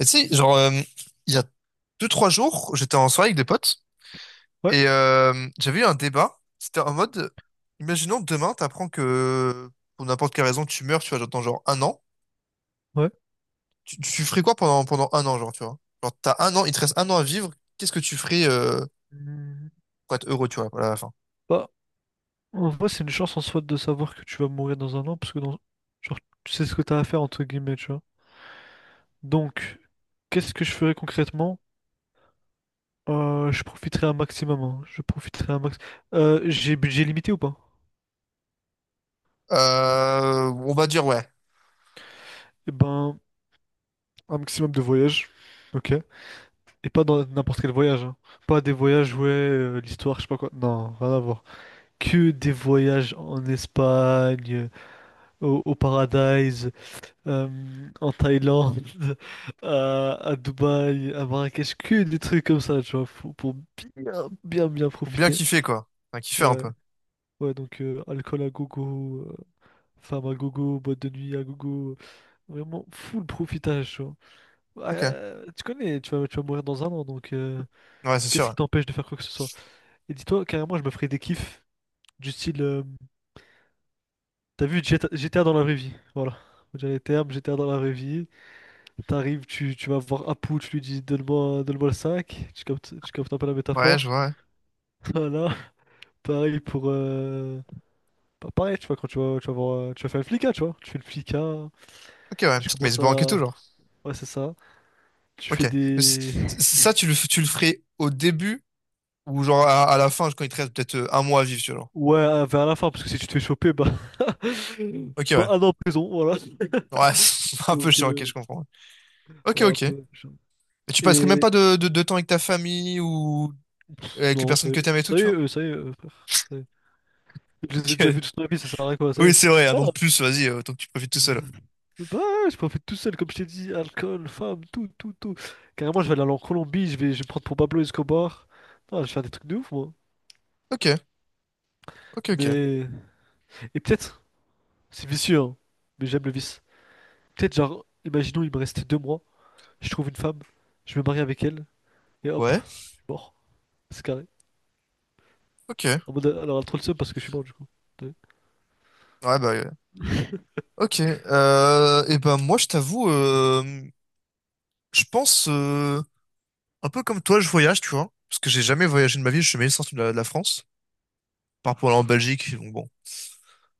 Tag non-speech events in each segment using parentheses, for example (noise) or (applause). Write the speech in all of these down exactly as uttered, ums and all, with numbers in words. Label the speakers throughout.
Speaker 1: Et tu sais, genre, euh, il y a deux, trois jours, j'étais en soirée avec des potes
Speaker 2: Ouais,
Speaker 1: et euh, j'avais eu un débat. C'était en mode, imaginons demain, t'apprends que pour n'importe quelle raison, tu meurs, tu vois, genre, dans genre un an.
Speaker 2: ouais.
Speaker 1: Tu, tu ferais quoi pendant, pendant un an, genre, tu vois? Genre, t'as un an, il te reste un an à vivre. Qu'est-ce que tu ferais euh,
Speaker 2: Hmm.
Speaker 1: pour être heureux, tu vois, à la fin?
Speaker 2: Bah, en vrai, c'est une chance en soi de savoir que tu vas mourir dans un an, parce que dans... genre, tu sais ce que t'as à faire, entre guillemets, tu vois. Donc, qu'est-ce que je ferais concrètement? Euh, je profiterai un maximum, hein. Je profiterai un max... Euh, j'ai budget limité ou pas?
Speaker 1: Euh, on va dire, ouais,
Speaker 2: Eh ben, un maximum de voyages, ok? Et pas dans n'importe quel voyage, hein. Pas des voyages, ouais, euh, l'histoire, je sais pas quoi. Non, rien à voir. Que des voyages en Espagne, euh, au, au Paradise, euh, en Thaïlande, (laughs) à, à Dubaï, à Marrakech, que des trucs comme ça, tu vois, faut- pour bien, bien, bien
Speaker 1: pour bien
Speaker 2: profiter.
Speaker 1: kiffer, quoi. Enfin, kiffer un
Speaker 2: Ouais,
Speaker 1: peu.
Speaker 2: ouais, donc euh, alcool à gogo, euh, femme à gogo, boîte de nuit à gogo, vraiment full profitage, tu vois. Ah,
Speaker 1: Ok.
Speaker 2: Euh, tu connais, tu vas, tu vas mourir dans un an, donc euh,
Speaker 1: Ouais, c'est
Speaker 2: qu'est-ce qui
Speaker 1: sûr.
Speaker 2: t'empêche de faire quoi que ce soit? Et dis-toi, carrément, je me ferais des kiffs du style, euh, t'as vu G T A, G T A dans la vraie vie, voilà. On dirait les termes, G T A dans la vraie vie. T'arrives, tu, tu vas voir Apu, tu lui dis donne-moi donne-moi le cinq, tu captes, tu captes un peu la
Speaker 1: Ouais, je
Speaker 2: métaphore.
Speaker 1: vois. Ouais.
Speaker 2: (laughs) Voilà, pareil pour... Euh... pa- Pareil, tu vois, quand tu vas, tu vas voir, euh, tu vas faire le flicard, tu vois. Tu fais le flicard,
Speaker 1: Ok, ouais,
Speaker 2: tu
Speaker 1: petite mess
Speaker 2: commences
Speaker 1: banque et tout,
Speaker 2: à...
Speaker 1: genre.
Speaker 2: Ouais, c'est ça. Tu
Speaker 1: Ok.
Speaker 2: fais
Speaker 1: Mais c-
Speaker 2: des...
Speaker 1: c- ça, tu le, f- tu le ferais au début ou genre à, à la fin, quand il te reste peut-être euh, un mois à vivre, tu vois. Genre.
Speaker 2: Ouais, euh, vers la fin, parce que si tu te fais choper, bah... (laughs)
Speaker 1: Ok,
Speaker 2: bah,
Speaker 1: ouais.
Speaker 2: un an en prison, voilà.
Speaker 1: Ouais, (laughs) c'est
Speaker 2: (laughs)
Speaker 1: un peu
Speaker 2: Donc,
Speaker 1: chiant, ok, je
Speaker 2: euh,
Speaker 1: comprends. Ok,
Speaker 2: ouais, un
Speaker 1: ok. Et
Speaker 2: peu... genre.
Speaker 1: tu passerais même
Speaker 2: Et...
Speaker 1: pas de, de, de temps avec ta famille ou avec les
Speaker 2: Non, ça
Speaker 1: personnes
Speaker 2: y est,
Speaker 1: que t'aimes et tout,
Speaker 2: ça y est,
Speaker 1: tu vois?
Speaker 2: euh, ça y est, euh, frère. Ça y est. Je les ai déjà
Speaker 1: Ok.
Speaker 2: vus toute ma vie, ça sert à rien, quoi, ça y
Speaker 1: Oui,
Speaker 2: est.
Speaker 1: c'est vrai, un an de plus, vas-y, euh, autant que tu profites tout seul.
Speaker 2: Bah, je peux en faire tout seul, comme je t'ai dit, alcool, femme, tout, tout, tout. Carrément, je vais aller en Colombie, je vais, je vais me prendre pour Pablo Escobar. Non, je vais faire des trucs de ouf, moi.
Speaker 1: Ok, ok, ok.
Speaker 2: Mais. Et peut-être, c'est vicieux, hein, mais j'aime le vice. Peut-être, genre, imaginons, il me reste deux mois, je trouve une femme, je me marie avec elle, et hop,
Speaker 1: Ouais,
Speaker 2: je suis mort. C'est carré.
Speaker 1: ok. Ouais,
Speaker 2: En mode, alors, elle a trop le seum parce que je suis mort, du coup. Ouais.
Speaker 1: bah, ouais. Ok. Euh, et ben, moi, je t'avoue, euh, je pense, euh, un peu comme toi, je voyage, tu vois. Parce que j'ai jamais voyagé de ma vie, je suis jamais sorti de la, de la France. Par rapport à en Belgique, donc bon.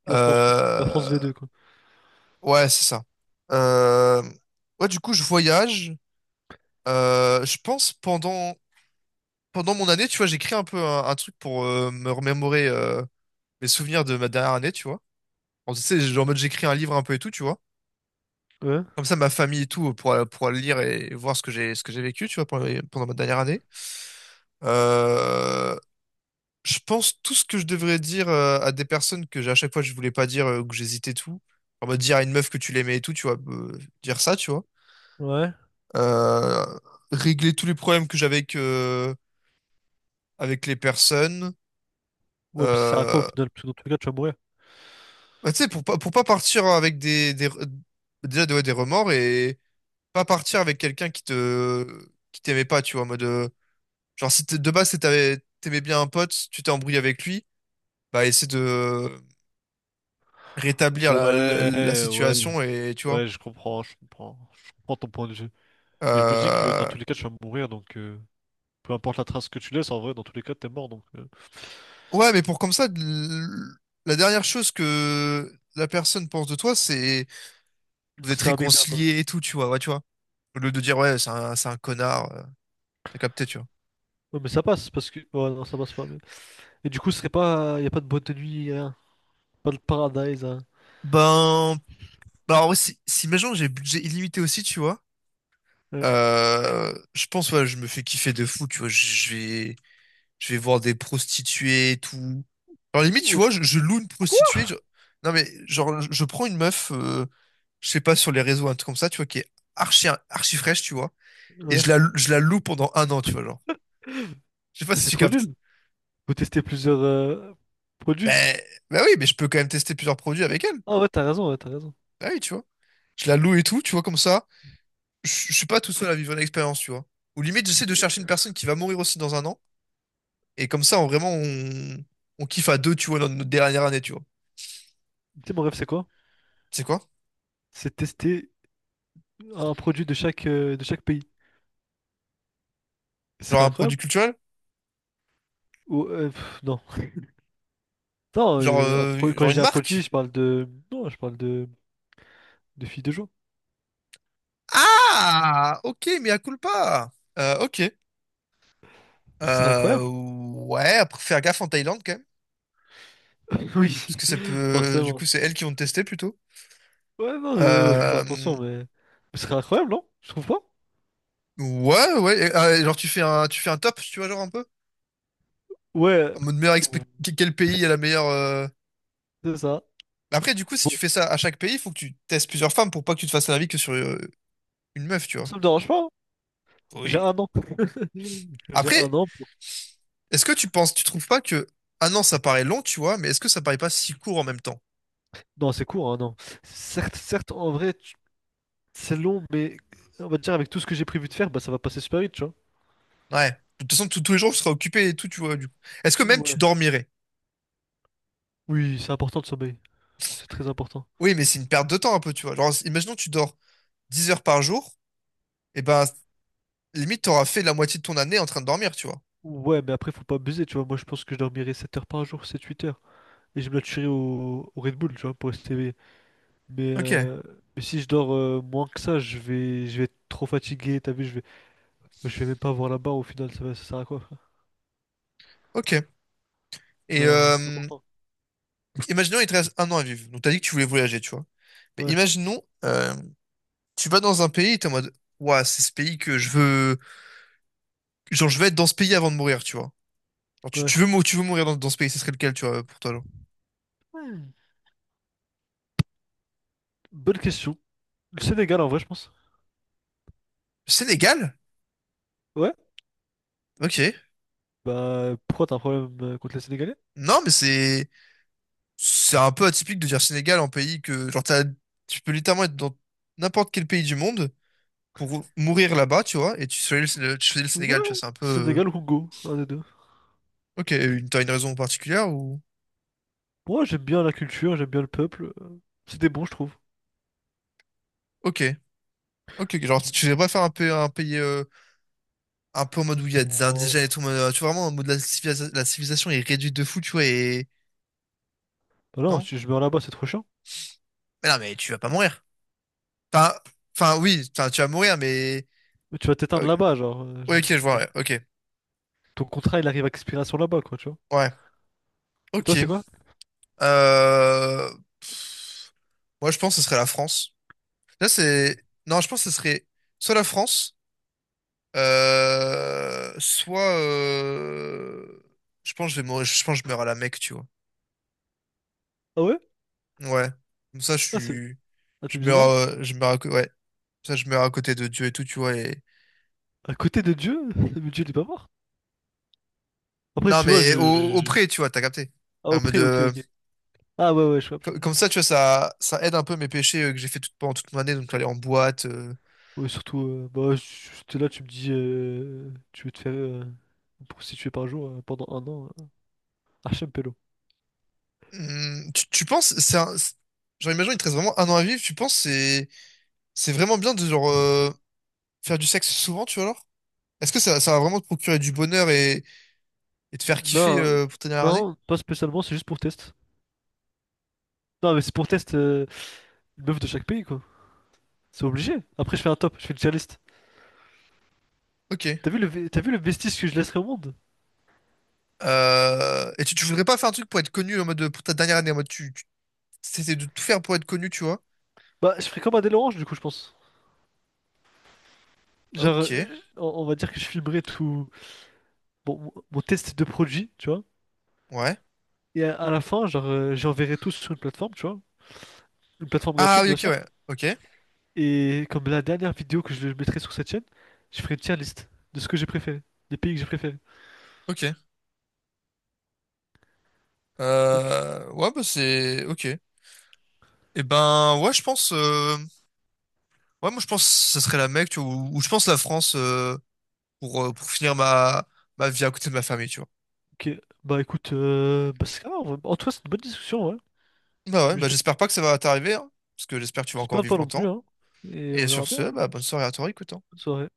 Speaker 2: La France, quoi. La France
Speaker 1: Euh,
Speaker 2: v deux quoi.
Speaker 1: Ouais, c'est ça. Euh, Ouais, du coup, je voyage. Euh, je pense pendant pendant mon année, tu vois, j'écris un peu un, un truc pour euh, me remémorer euh, mes souvenirs de ma dernière année, tu vois. En, tu sais, genre, en mode j'écris un livre un peu et tout, tu vois.
Speaker 2: Ouais,
Speaker 1: Comme ça, ma famille et tout pour pour le lire et voir ce que j'ai ce que j'ai vécu, tu vois, pendant, pendant ma dernière année. Euh, je pense tout ce que je devrais dire euh, à des personnes que j'ai- à chaque fois je voulais pas dire, euh, que j'hésitais tout. En mode dire à une meuf que tu l'aimais et tout, tu vois, euh, dire ça, tu vois.
Speaker 2: ouais.
Speaker 1: euh, Régler tous les problèmes que j'avais avec, euh, avec les personnes.
Speaker 2: Ouais, mais si ça sert à quoi au
Speaker 1: Euh,
Speaker 2: final? Parce que dans tous les cas, tu vas mourir.
Speaker 1: Bah, tu sais, pour pas, pour pas partir avec des, des, déjà, ouais, des remords et pas partir avec quelqu'un qui te, qui t'aimait pas, tu vois, en mode, euh, genre, si t'es- de base, c'est t'avais- t'aimais bien un pote, tu t'es embrouillé avec lui, bah, essaie de rétablir la, la, la
Speaker 2: Ouais, ouais,
Speaker 1: situation et, tu vois.
Speaker 2: ouais, je comprends, je comprends, je comprends ton point de vue. Mais je me dis que dans
Speaker 1: Euh,
Speaker 2: tous les cas, tu vas mourir, donc euh, peu importe la trace que tu laisses, en vrai, dans tous les cas, t'es mort, donc euh,
Speaker 1: ouais, mais pour comme ça, l- la dernière chose que la personne pense de toi, c'est vous êtes
Speaker 2: c'est un mec bien quoi.
Speaker 1: réconciliés et tout, tu vois, ouais, tu vois. Au lieu de dire, ouais, c'est un, c'est un connard, euh, t'as capté, tu vois.
Speaker 2: Ouais, mais ça passe parce que, ouais, non, ça passe pas. Mais... Et du coup, ce serait pas, y a pas de boîte de nuit, rien, pas de paradise, hein.
Speaker 1: Ben, bah, alors, ouais, si, si imaginons que j'ai budget illimité aussi, tu vois,
Speaker 2: Ouais.
Speaker 1: euh, je pense, ouais, je me fais kiffer de fou, tu vois, je vais, je vais voir des prostituées et tout. Alors, limite, tu
Speaker 2: Ou-
Speaker 1: vois, je, je loue une
Speaker 2: Quoi?
Speaker 1: prostituée, je- non, mais, genre, je, je prends une meuf, euh, je sais pas, sur les réseaux, un truc comme ça, tu vois, qui est archi, archi fraîche, tu vois, et
Speaker 2: Ouais,
Speaker 1: je la, je la loue pendant un an, tu vois, genre. Je sais pas
Speaker 2: mais
Speaker 1: si
Speaker 2: c'est
Speaker 1: tu
Speaker 2: trop
Speaker 1: captes.
Speaker 2: nul. Vous testez plusieurs euh, produits?
Speaker 1: Ben, ben oui, mais je peux quand même tester plusieurs produits avec elle.
Speaker 2: Ah ouais, t'as raison, ouais, t'as raison.
Speaker 1: Ah oui, tu vois. Je la loue et tout, tu vois, comme ça. Je je suis pas tout seul à vivre l'expérience, tu vois. Ou limite, j'essaie de chercher une personne qui va mourir aussi dans un an. Et comme ça, on, vraiment, on, on kiffe à deux, tu vois, notre, notre dernière année, tu vois.
Speaker 2: Tu sais, mon rêve, c'est quoi?
Speaker 1: C'est quoi?
Speaker 2: C'est tester un produit de chaque, euh, de chaque pays. Ce
Speaker 1: Genre
Speaker 2: serait
Speaker 1: un produit
Speaker 2: incroyable?
Speaker 1: culturel?
Speaker 2: Ou, euh, pff, non. Non,
Speaker 1: Genre,
Speaker 2: euh, un
Speaker 1: euh,
Speaker 2: pro- quand
Speaker 1: genre
Speaker 2: je
Speaker 1: une
Speaker 2: dis un produit, je
Speaker 1: marque?
Speaker 2: parle de... Non, je parle de, de filles de joie.
Speaker 1: Ah! Ok, mais à culpa! Euh, ok.
Speaker 2: Ce serait
Speaker 1: Euh,
Speaker 2: incroyable.
Speaker 1: ouais, après, faire gaffe en Thaïlande, quand même.
Speaker 2: (laughs)
Speaker 1: Parce
Speaker 2: Oui,
Speaker 1: que ça peut... euh, Du
Speaker 2: forcément.
Speaker 1: coup, c'est elles qui vont te tester, plutôt.
Speaker 2: Ouais, non, euh, ouais, faut faire attention,
Speaker 1: Euh,
Speaker 2: mais... mais ce serait incroyable, non? Je trouve pas?
Speaker 1: ouais, ouais. Et, euh, genre, tu fais un, tu fais un top, tu vois, genre un peu?
Speaker 2: Ouais,
Speaker 1: En mode meilleur expé-
Speaker 2: euh,
Speaker 1: que- quel pays a la meilleure. euh,
Speaker 2: c'est ça.
Speaker 1: Mais après, du coup, si
Speaker 2: Bon,
Speaker 1: tu fais ça à chaque pays, il faut que tu testes plusieurs femmes pour pas que tu te fasses un avis que sur euh, une meuf, tu vois.
Speaker 2: ça me dérange pas, hein. J'ai
Speaker 1: Oui.
Speaker 2: un an. (laughs) J'ai
Speaker 1: Après,
Speaker 2: un an pour...
Speaker 1: est-ce que tu penses, tu trouves pas que. Ah non, ça paraît long, tu vois, mais est-ce que ça paraît pas si court en même temps?
Speaker 2: Non, c'est court, un an. Certes, certes, en vrai... tu- c'est long, mais on va dire avec tout ce que j'ai prévu de faire, bah ça va passer super vite, tu vois.
Speaker 1: Ouais. De toute façon, tous tous les jours, tu seras occupé et tout, tu vois, du coup. Est-ce que même tu
Speaker 2: Ouais.
Speaker 1: dormirais?
Speaker 2: Oui, c'est important de sommeil. C'est très important.
Speaker 1: Oui, mais c'est une perte de temps un peu, tu vois. Genre, imaginons que tu dors dix heures par jour, et ben, limite, t'auras fait la moitié de ton année en train de dormir, tu vois.
Speaker 2: Ouais, mais après, faut pas abuser, tu vois. Moi, je pense que je dormirai sept heures par jour, sept-huit heures. Et je me la tuerai au, au Red Bull, tu vois, pour rester éveillé. Mais,
Speaker 1: Ok,
Speaker 2: euh, mais si je dors euh, moins que ça, je vais, je vais être trop fatigué, t'as vu, je vais, je vais même pas avoir la barre au final, ça, va- ça sert à quoi, frère?
Speaker 1: ok. Et
Speaker 2: Non, ça-
Speaker 1: euh, imaginons, il te reste un an à vivre. Donc, t'as dit que tu voulais voyager, tu vois. Mais
Speaker 2: ouais,
Speaker 1: imaginons, euh, tu vas dans un pays et t'es en mode, Ouah, c'est ce pays que je veux. Genre, je veux être dans ce pays avant de mourir, tu vois. Genre, tu,
Speaker 2: ouais.
Speaker 1: tu veux, mou- tu veux mourir dans, dans ce pays, ce serait lequel, tu vois, pour toi, genre?
Speaker 2: Hmm. Bonne question. Le Sénégal, en vrai, je pense.
Speaker 1: Le Sénégal?
Speaker 2: Ouais?
Speaker 1: Ok.
Speaker 2: Bah, pourquoi t'as un problème euh, contre les Sénégalais?
Speaker 1: Non, mais c'est. C'est un peu atypique de dire Sénégal en pays que. Genre, t'as- tu peux littéralement être dans n'importe quel pays du monde pour mourir là-bas, tu vois, et tu choisis le, tu choisis le
Speaker 2: Ouais,
Speaker 1: Sénégal, tu vois, c'est un peu. euh,
Speaker 2: Sénégal ou Congo, un des deux.
Speaker 1: Ok, une- t'as une raison particulière ou.
Speaker 2: Moi, j'aime bien la culture, j'aime bien le peuple, euh, c'était bon, je trouve.
Speaker 1: Ok. Ok, genre,
Speaker 2: Je-
Speaker 1: tu tu voudrais pas faire un, pays- un pays. Euh, un peu en mode où il y a des
Speaker 2: Oh,
Speaker 1: indigènes et tout, en euh, tu vois, vraiment en mode la, civilisa- la civilisation est réduite de fou, tu vois, et
Speaker 2: bah non,
Speaker 1: non?
Speaker 2: si je meurs là-bas, c'est trop chiant.
Speaker 1: Mais non, mais tu vas pas mourir. Enfin, enfin oui, enfin, tu vas mourir, mais...
Speaker 2: Mais tu vas t'éteindre
Speaker 1: euh,
Speaker 2: là-bas, genre, euh, je-
Speaker 1: ouais, ok, je vois, ouais, ok.
Speaker 2: ton contrat, il arrive à expiration là-bas, quoi, tu vois.
Speaker 1: Ouais,
Speaker 2: Et
Speaker 1: ok.
Speaker 2: toi, c'est quoi?
Speaker 1: Euh... pff, Moi, je pense que ce serait la France. Là, c'est... Non, je pense que ce serait soit la France, euh... soit... euh, je pense que je vais mourir, je pense que je meurs à la Mecque, tu vois.
Speaker 2: Ah ouais?
Speaker 1: Ouais. Comme ça, je
Speaker 2: Ah, c'est...
Speaker 1: suis...
Speaker 2: Ah, t'es
Speaker 1: Je meurs...
Speaker 2: musulman?
Speaker 1: euh, Je meurs... à- Ouais. Ça, je meurs à côté de Dieu et tout, tu vois. Et...
Speaker 2: À côté de Dieu? (laughs) Mais Dieu, il est pas mort. Après,
Speaker 1: Non,
Speaker 2: tu vois,
Speaker 1: mais au,
Speaker 2: je...
Speaker 1: au
Speaker 2: je-
Speaker 1: pré, tu vois, t'as capté.
Speaker 2: ah,
Speaker 1: En mode,
Speaker 2: auprès, ok,
Speaker 1: euh,
Speaker 2: ok. Ah ouais, ouais, je vois, je
Speaker 1: co-
Speaker 2: vois.
Speaker 1: comme ça, tu vois, ça, ça aide un peu mes péchés euh, que j'ai fait toute, pendant toute mon année, donc aller en boîte. euh.
Speaker 2: Ouais, surtout, euh, bah, si t'es là, tu me dis... euh, tu veux te faire euh, prostituer par jour euh, pendant un an, euh, Hachem Pélo.
Speaker 1: Hum, tu, tu penses, c'est un- c'est- genre, imagine, il te reste vraiment un an à vivre, tu penses, c'est, c'est vraiment bien de, genre, euh, faire du sexe souvent, tu vois, alors? Est-ce que ça, ça va vraiment te procurer du bonheur et, et te faire kiffer
Speaker 2: Non,
Speaker 1: euh, pour ta dernière année?
Speaker 2: non, pas spécialement, c'est juste pour test. Non, mais c'est pour test euh, une meuf de chaque pays, quoi. C'est obligé. Après, je fais un top, je fais une tier list.
Speaker 1: Ok.
Speaker 2: T'as vu le, ve- t'as vu le vestige que je laisserai au monde?
Speaker 1: Euh, et tu, tu voudrais pas faire un truc pour être connu en mode, pour ta dernière année, en mode, tu, tu t'essaies de tout faire pour être connu, tu vois?
Speaker 2: Bah, je ferai comme Adèle Orange, du coup, je pense. Genre,
Speaker 1: Ok.
Speaker 2: euh, on, on va dire que je filmerai tout bon, mon mon test de produit, tu vois.
Speaker 1: Ouais.
Speaker 2: Et à, à la fin, genre, euh, j'enverrai tout sur une plateforme, tu vois. Une plateforme
Speaker 1: Ah
Speaker 2: gratuite,
Speaker 1: oui,
Speaker 2: bien
Speaker 1: ok, ouais.
Speaker 2: sûr.
Speaker 1: Ok,
Speaker 2: Et comme la dernière vidéo que je mettrai sur cette chaîne, je ferai une tier list de ce que j'ai préféré, des pays que j'ai préférés.
Speaker 1: ok.
Speaker 2: Ok.
Speaker 1: Euh, ouais, bah c'est... Ok. Et ben, ouais, je pense... euh, Ouais, moi, je pense que ça serait la Mecque, tu vois, ou, ou je pense la France euh, pour, euh, pour finir ma... ma vie à côté de ma famille, tu vois.
Speaker 2: Ok, bah écoute, euh, bah, c'est ça, en tout cas, c'est une bonne discussion, ouais.
Speaker 1: Bah ouais,
Speaker 2: J'ai- j'ai-
Speaker 1: bah j'espère pas que ça va t'arriver, hein, parce que j'espère que tu vas encore
Speaker 2: J'espère ne
Speaker 1: vivre
Speaker 2: pas non plus,
Speaker 1: longtemps.
Speaker 2: hein. Et on
Speaker 1: Et
Speaker 2: verra
Speaker 1: sur
Speaker 2: bien.
Speaker 1: ce, bah bonne soirée à toi, écoute. Hein.
Speaker 2: Bonne soirée.